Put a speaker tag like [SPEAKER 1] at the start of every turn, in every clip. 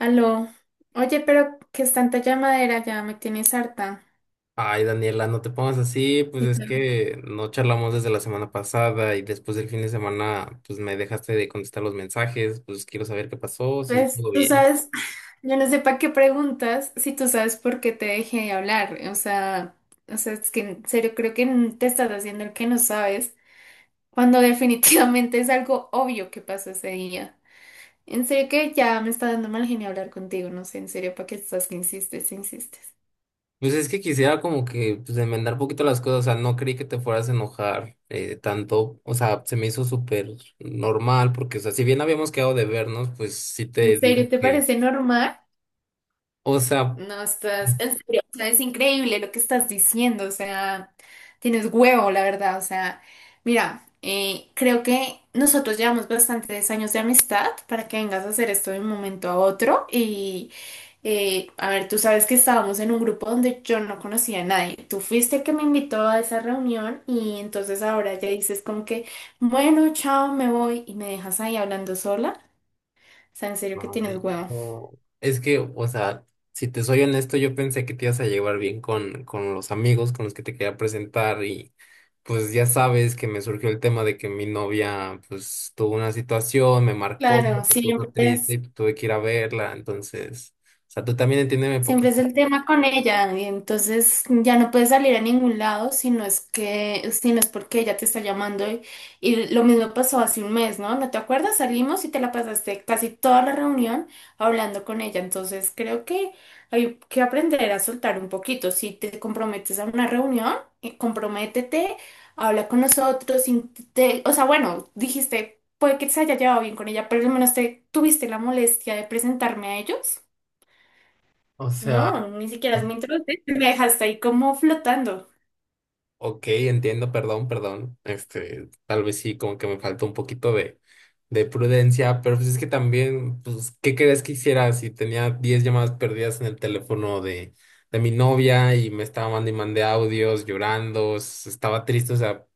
[SPEAKER 1] Aló, oye, pero que es tanta llamadera, ya me tienes harta.
[SPEAKER 2] Ay, Daniela, no te pongas así, pues
[SPEAKER 1] ¿Y
[SPEAKER 2] es
[SPEAKER 1] tú?
[SPEAKER 2] que no charlamos desde la semana pasada y después del fin de semana, pues me dejaste de contestar los mensajes, pues quiero saber qué pasó, si
[SPEAKER 1] Pues
[SPEAKER 2] todo
[SPEAKER 1] tú
[SPEAKER 2] bien.
[SPEAKER 1] sabes, yo no sé para qué preguntas si tú sabes por qué te dejé de hablar. O sea, es que en serio creo que te estás haciendo el que no sabes, cuando definitivamente es algo obvio que pasó ese día. En serio que ya me está dando mal genio hablar contigo, no sé, en serio, ¿para qué estás que insistes, insistes?
[SPEAKER 2] Pues es que quisiera como que pues enmendar un poquito las cosas, o sea, no creí que te fueras a enojar tanto, o sea, se me hizo súper normal porque, o sea, si bien habíamos quedado de vernos, pues sí
[SPEAKER 1] ¿En
[SPEAKER 2] te dije
[SPEAKER 1] serio te
[SPEAKER 2] que,
[SPEAKER 1] parece normal?
[SPEAKER 2] o sea...
[SPEAKER 1] No, estás, en serio, o sea, es increíble lo que estás diciendo, o sea, tienes huevo, la verdad, o sea, mira, creo que nosotros llevamos bastantes años de amistad para que vengas a hacer esto de un momento a otro y, a ver, tú sabes que estábamos en un grupo donde yo no conocía a nadie, tú fuiste el que me invitó a esa reunión y entonces ahora ya dices como que, bueno, chao, me voy y me dejas ahí hablando sola, o sea, en serio que tienes
[SPEAKER 2] Ay,
[SPEAKER 1] huevo.
[SPEAKER 2] no. Es que, o sea, si te soy honesto, yo pensé que te ibas a llevar bien con los amigos con los que te quería presentar y pues ya sabes que me surgió el tema de que mi novia pues tuvo una situación, me marcó,
[SPEAKER 1] Claro,
[SPEAKER 2] se
[SPEAKER 1] siempre
[SPEAKER 2] puso triste y
[SPEAKER 1] es.
[SPEAKER 2] tuve que ir a verla, entonces, o sea, tú también entiéndeme
[SPEAKER 1] Siempre es
[SPEAKER 2] poquito.
[SPEAKER 1] el tema con ella, y entonces ya no puedes salir a ningún lado si no es que, si no es porque ella te está llamando y lo mismo pasó hace un mes, ¿no? ¿No te acuerdas? Salimos y te la pasaste casi toda la reunión hablando con ella, entonces creo que hay que aprender a soltar un poquito. Si te comprometes a una reunión, comprométete, habla con nosotros, o sea, bueno, dijiste, puede que se haya llevado bien con ella, pero al menos te tuviste la molestia de presentarme a ellos.
[SPEAKER 2] O sea,
[SPEAKER 1] No, ni siquiera es mi introducción. Me dejaste ahí como flotando.
[SPEAKER 2] ok, entiendo, perdón, perdón. Este, tal vez sí, como que me faltó un poquito de prudencia, pero pues es que también, pues, ¿qué crees que hiciera si tenía 10 llamadas perdidas en el teléfono de mi novia y me estaba mandando y mandé audios llorando, estaba triste,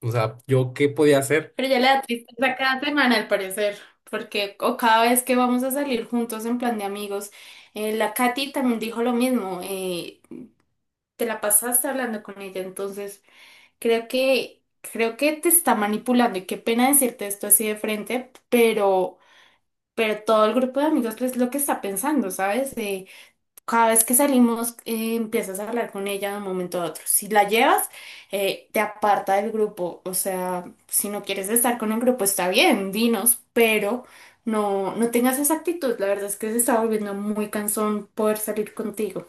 [SPEAKER 2] o sea, ¿yo qué podía hacer?
[SPEAKER 1] Pero ya le da tristeza cada semana, al parecer. Porque, o cada vez que vamos a salir juntos en plan de amigos, la Katy también dijo lo mismo. Te la pasaste hablando con ella, entonces creo que te está manipulando. Y qué pena decirte esto así de frente, pero todo el grupo de amigos es lo que está pensando, ¿sabes? Cada vez que salimos, empiezas a hablar con ella de un momento a otro. Si la llevas, te aparta del grupo. O sea, si no quieres estar con el grupo, está bien, dinos, pero no tengas esa actitud. La verdad es que se está volviendo muy cansón poder salir contigo.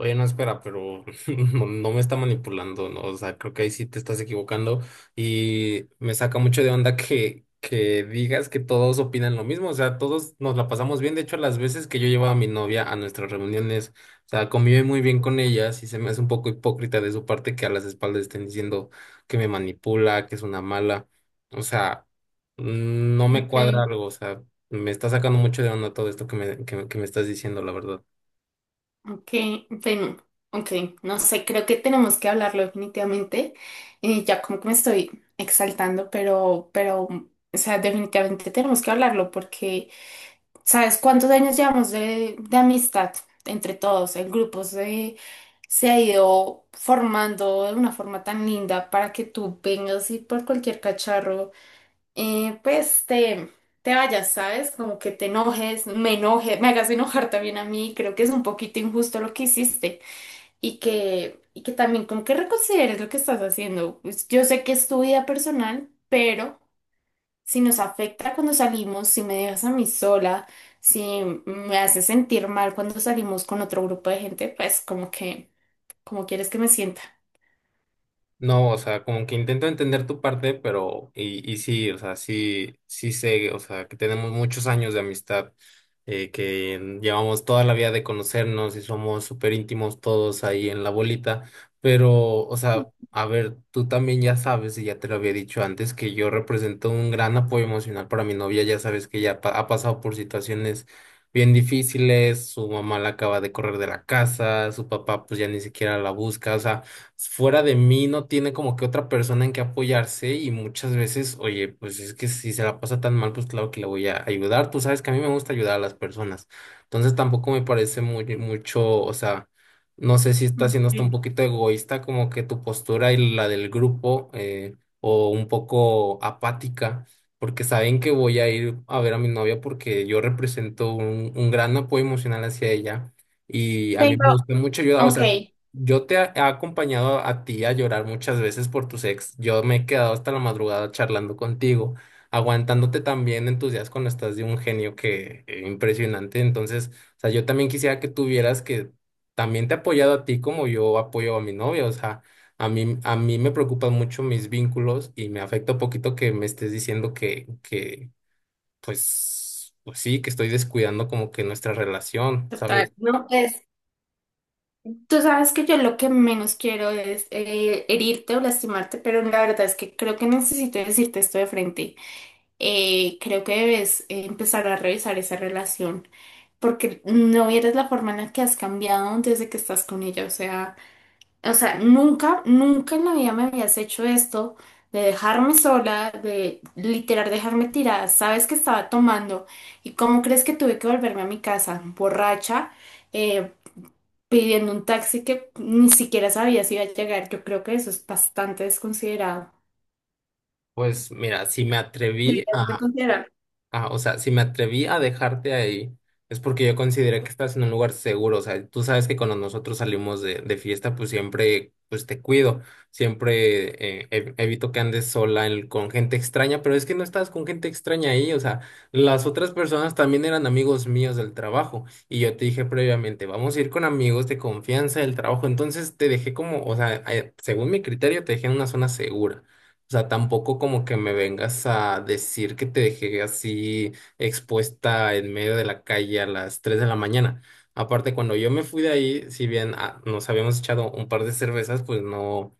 [SPEAKER 2] Oye, no, espera, pero no, no me está manipulando, ¿no? O sea, creo que ahí sí te estás equivocando y me saca mucho de onda que digas que todos opinan lo mismo, o sea, todos nos la pasamos bien, de hecho, las veces que yo llevaba a mi novia a nuestras reuniones, o sea, convive muy bien con ellas y se me hace un poco hipócrita de su parte que a las espaldas estén diciendo que me manipula, que es una mala, o sea, no me cuadra
[SPEAKER 1] Ok.
[SPEAKER 2] algo, o sea, me está sacando mucho de onda todo esto que me, que, me estás diciendo, la verdad.
[SPEAKER 1] Ok, bueno, ok, no sé, creo que tenemos que hablarlo definitivamente. Ya como que me estoy exaltando, pero, o sea, definitivamente tenemos que hablarlo porque ¿sabes cuántos años llevamos de amistad entre todos? Se ha ido formando de una forma tan linda para que tú vengas y por cualquier cacharro, pues te vayas, ¿sabes? Como que te enojes, me enoje, me hagas enojar también a mí. Creo que es un poquito injusto lo que hiciste y que también como que reconsideres lo que estás haciendo. Pues, yo sé que es tu vida personal, pero si nos afecta cuando salimos, si me dejas a mí sola, si me hace sentir mal cuando salimos con otro grupo de gente, pues como que, como quieres que me sienta.
[SPEAKER 2] No, o sea, como que intento entender tu parte, pero, y sí, o sea, sí, sí sé, o sea, que tenemos muchos años de amistad, que llevamos toda la vida de conocernos y somos súper íntimos todos ahí en la bolita, pero, o sea, a ver, tú también ya sabes, y ya te lo había dicho antes, que yo represento un gran apoyo emocional para mi novia, ya sabes que ella ha pasado por situaciones bien difíciles, su mamá la acaba de correr de la casa, su papá pues ya ni siquiera la busca, o sea, fuera de mí no tiene como que otra persona en que apoyarse y muchas veces, oye, pues es que si se la pasa tan mal, pues claro que le voy a ayudar. Tú sabes que a mí me gusta ayudar a las personas. Entonces tampoco me parece muy, mucho, o sea, no sé si está siendo hasta un
[SPEAKER 1] Ok.
[SPEAKER 2] poquito egoísta como que tu postura y la del grupo o un poco apática. Porque saben que voy a ir a ver a mi novia porque yo represento un gran apoyo emocional hacia ella. Y a mí me
[SPEAKER 1] Pero,
[SPEAKER 2] gusta mucho ayudar, o
[SPEAKER 1] ok,
[SPEAKER 2] sea, yo te he acompañado a ti a llorar muchas veces por tus ex. Yo me he quedado hasta la madrugada charlando contigo, aguantándote también en tus días cuando estás de un genio que impresionante. Entonces, o sea, yo también quisiera que tuvieras que también te he apoyado a ti como yo apoyo a mi novia. O sea, a mí me preocupan mucho mis vínculos y me afecta un poquito que me estés diciendo que, pues, pues sí, que estoy descuidando como que nuestra relación,
[SPEAKER 1] total,
[SPEAKER 2] ¿sabes?
[SPEAKER 1] no, pues tú sabes que yo lo que menos quiero es herirte o lastimarte, pero la verdad es que creo que necesito decirte esto de frente. Creo que debes empezar a revisar esa relación, porque no vieres la forma en la que has cambiado desde que estás con ella, o sea... O sea, nunca, nunca en la vida me habías hecho esto de dejarme sola, de literal dejarme tirada. Sabes que estaba tomando y cómo crees que tuve que volverme a mi casa, borracha, eh, pidiendo un taxi que ni siquiera sabía si iba a llegar. Yo creo que eso es bastante desconsiderado.
[SPEAKER 2] Pues mira, si me atreví
[SPEAKER 1] Deberías de
[SPEAKER 2] a
[SPEAKER 1] considerar.
[SPEAKER 2] ah, o sea, si me atreví a dejarte ahí, es porque yo consideré que estás en un lugar seguro. O sea, tú sabes que cuando nosotros salimos de fiesta, pues siempre, pues te cuido. Siempre evito que andes sola con gente extraña, pero es que no estabas con gente extraña ahí. O sea, las otras personas también eran amigos míos del trabajo. Y yo te dije previamente, vamos a ir con amigos de confianza del trabajo. Entonces te dejé como, o sea, según mi criterio, te dejé en una zona segura. O sea, tampoco como que me vengas a decir que te dejé así expuesta en medio de la calle a las 3 de la mañana. Aparte, cuando yo me fui de ahí, si bien ah, nos habíamos echado un par de cervezas, pues no,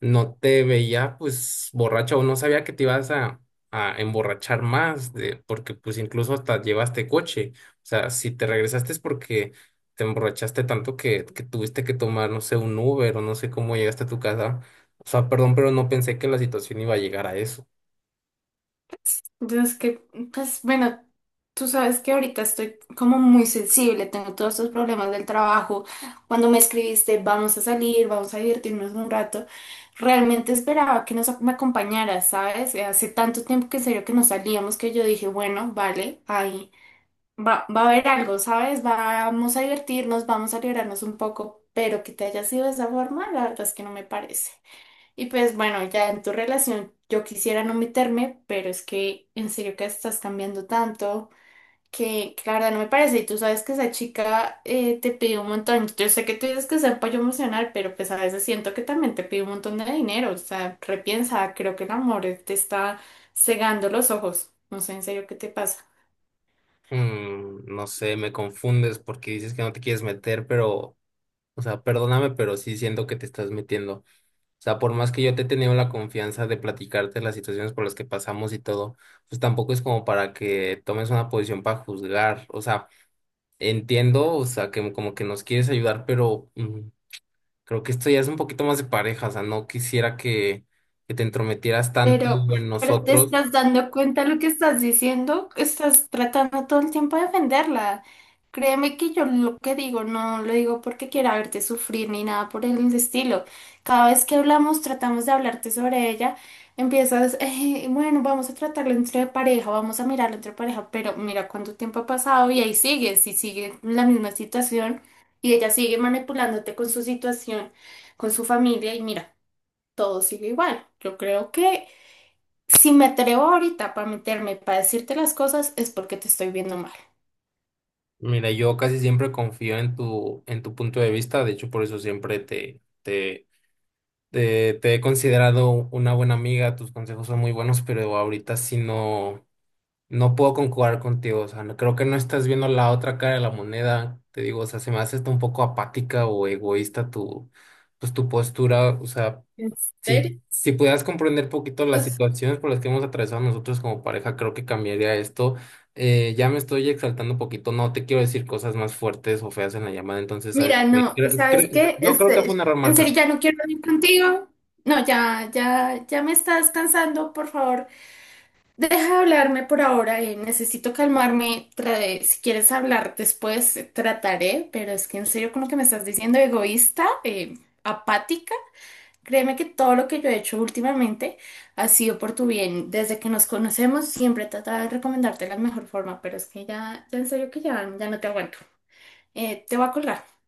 [SPEAKER 2] no te veía pues borracha o no sabía que te ibas a emborrachar más, porque pues incluso hasta llevaste coche. O sea, si te regresaste es porque te emborrachaste tanto que tuviste que tomar, no sé, un Uber o no sé cómo llegaste a tu casa. O sea, perdón, pero no pensé que la situación iba a llegar a eso.
[SPEAKER 1] Entonces que, pues bueno, tú sabes que ahorita estoy como muy sensible, tengo todos estos problemas del trabajo. Cuando me escribiste, vamos a salir, vamos a divertirnos un rato, realmente esperaba que me acompañaras, ¿sabes? Hace tanto tiempo que en serio que no salíamos que yo dije, bueno, vale, ahí va, va a haber algo, ¿sabes? Vamos a divertirnos, vamos a liberarnos un poco, pero que te haya sido de esa forma, la verdad es que no me parece. Y pues bueno, ya en tu relación yo quisiera no meterme, pero es que en serio que estás cambiando tanto que la verdad no me parece. Y tú sabes que esa chica te pide un montón. Yo sé que tú dices que es apoyo emocional, pero pues a veces siento que también te pide un montón de dinero. O sea, repiensa, creo que el amor te está cegando los ojos. No sé en serio qué te pasa.
[SPEAKER 2] No sé, me confundes porque dices que no te quieres meter, pero, o sea, perdóname, pero sí siento que te estás metiendo. O sea, por más que yo te he tenido la confianza de platicarte las situaciones por las que pasamos y todo, pues tampoco es como para que tomes una posición para juzgar. O sea, entiendo, o sea, que como que nos quieres ayudar, pero creo que esto ya es un poquito más de pareja. O sea, no quisiera que te entrometieras tanto
[SPEAKER 1] Pero,
[SPEAKER 2] en
[SPEAKER 1] pero te
[SPEAKER 2] nosotros.
[SPEAKER 1] estás dando cuenta de lo que estás diciendo, estás tratando todo el tiempo de defenderla. Créeme que yo lo que digo no lo digo porque quiera verte sufrir ni nada por el estilo. Cada vez que hablamos, tratamos de hablarte sobre ella, empiezas, bueno, vamos a tratarlo entre pareja, vamos a mirarlo entre pareja, pero mira cuánto tiempo ha pasado y ahí sigues y sigue la misma situación y ella sigue manipulándote con su situación, con su familia y mira todo sigue igual. Yo creo que si me atrevo ahorita para meterme, para decirte las cosas, es porque te estoy viendo mal.
[SPEAKER 2] Mira, yo casi siempre confío en tu punto de vista, de hecho por eso siempre te, te, te he considerado una buena amiga, tus consejos son muy buenos, pero ahorita sí no, no puedo concordar contigo, o sea, no, creo que no estás viendo la otra cara de la moneda, te digo, o sea, se me hace hasta un poco apática o egoísta tu, pues, tu postura, o sea,
[SPEAKER 1] ¿En
[SPEAKER 2] si,
[SPEAKER 1] serio?
[SPEAKER 2] si pudieras comprender un poquito las situaciones por las que hemos atravesado nosotros como pareja, creo que cambiaría esto. Ya me estoy exaltando un poquito, no te quiero decir cosas más fuertes o feas en la llamada, entonces, ¿sabes
[SPEAKER 1] Mira,
[SPEAKER 2] qué?
[SPEAKER 1] no, ¿sabes qué?
[SPEAKER 2] Yo creo que fue
[SPEAKER 1] Este,
[SPEAKER 2] un error
[SPEAKER 1] en serio, ya
[SPEAKER 2] marcar.
[SPEAKER 1] no quiero ir contigo. No, ya, ya, ya me estás cansando, por favor. Deja de hablarme por ahora, necesito calmarme. Si quieres hablar después, trataré, pero es que en serio, con lo que me estás diciendo, egoísta, apática. Créeme que todo lo que yo he hecho últimamente ha sido por tu bien. Desde que nos conocemos siempre he tratado de recomendarte la mejor forma, pero es que ya, ya en serio que ya, ya no te aguanto. Te voy a colgar.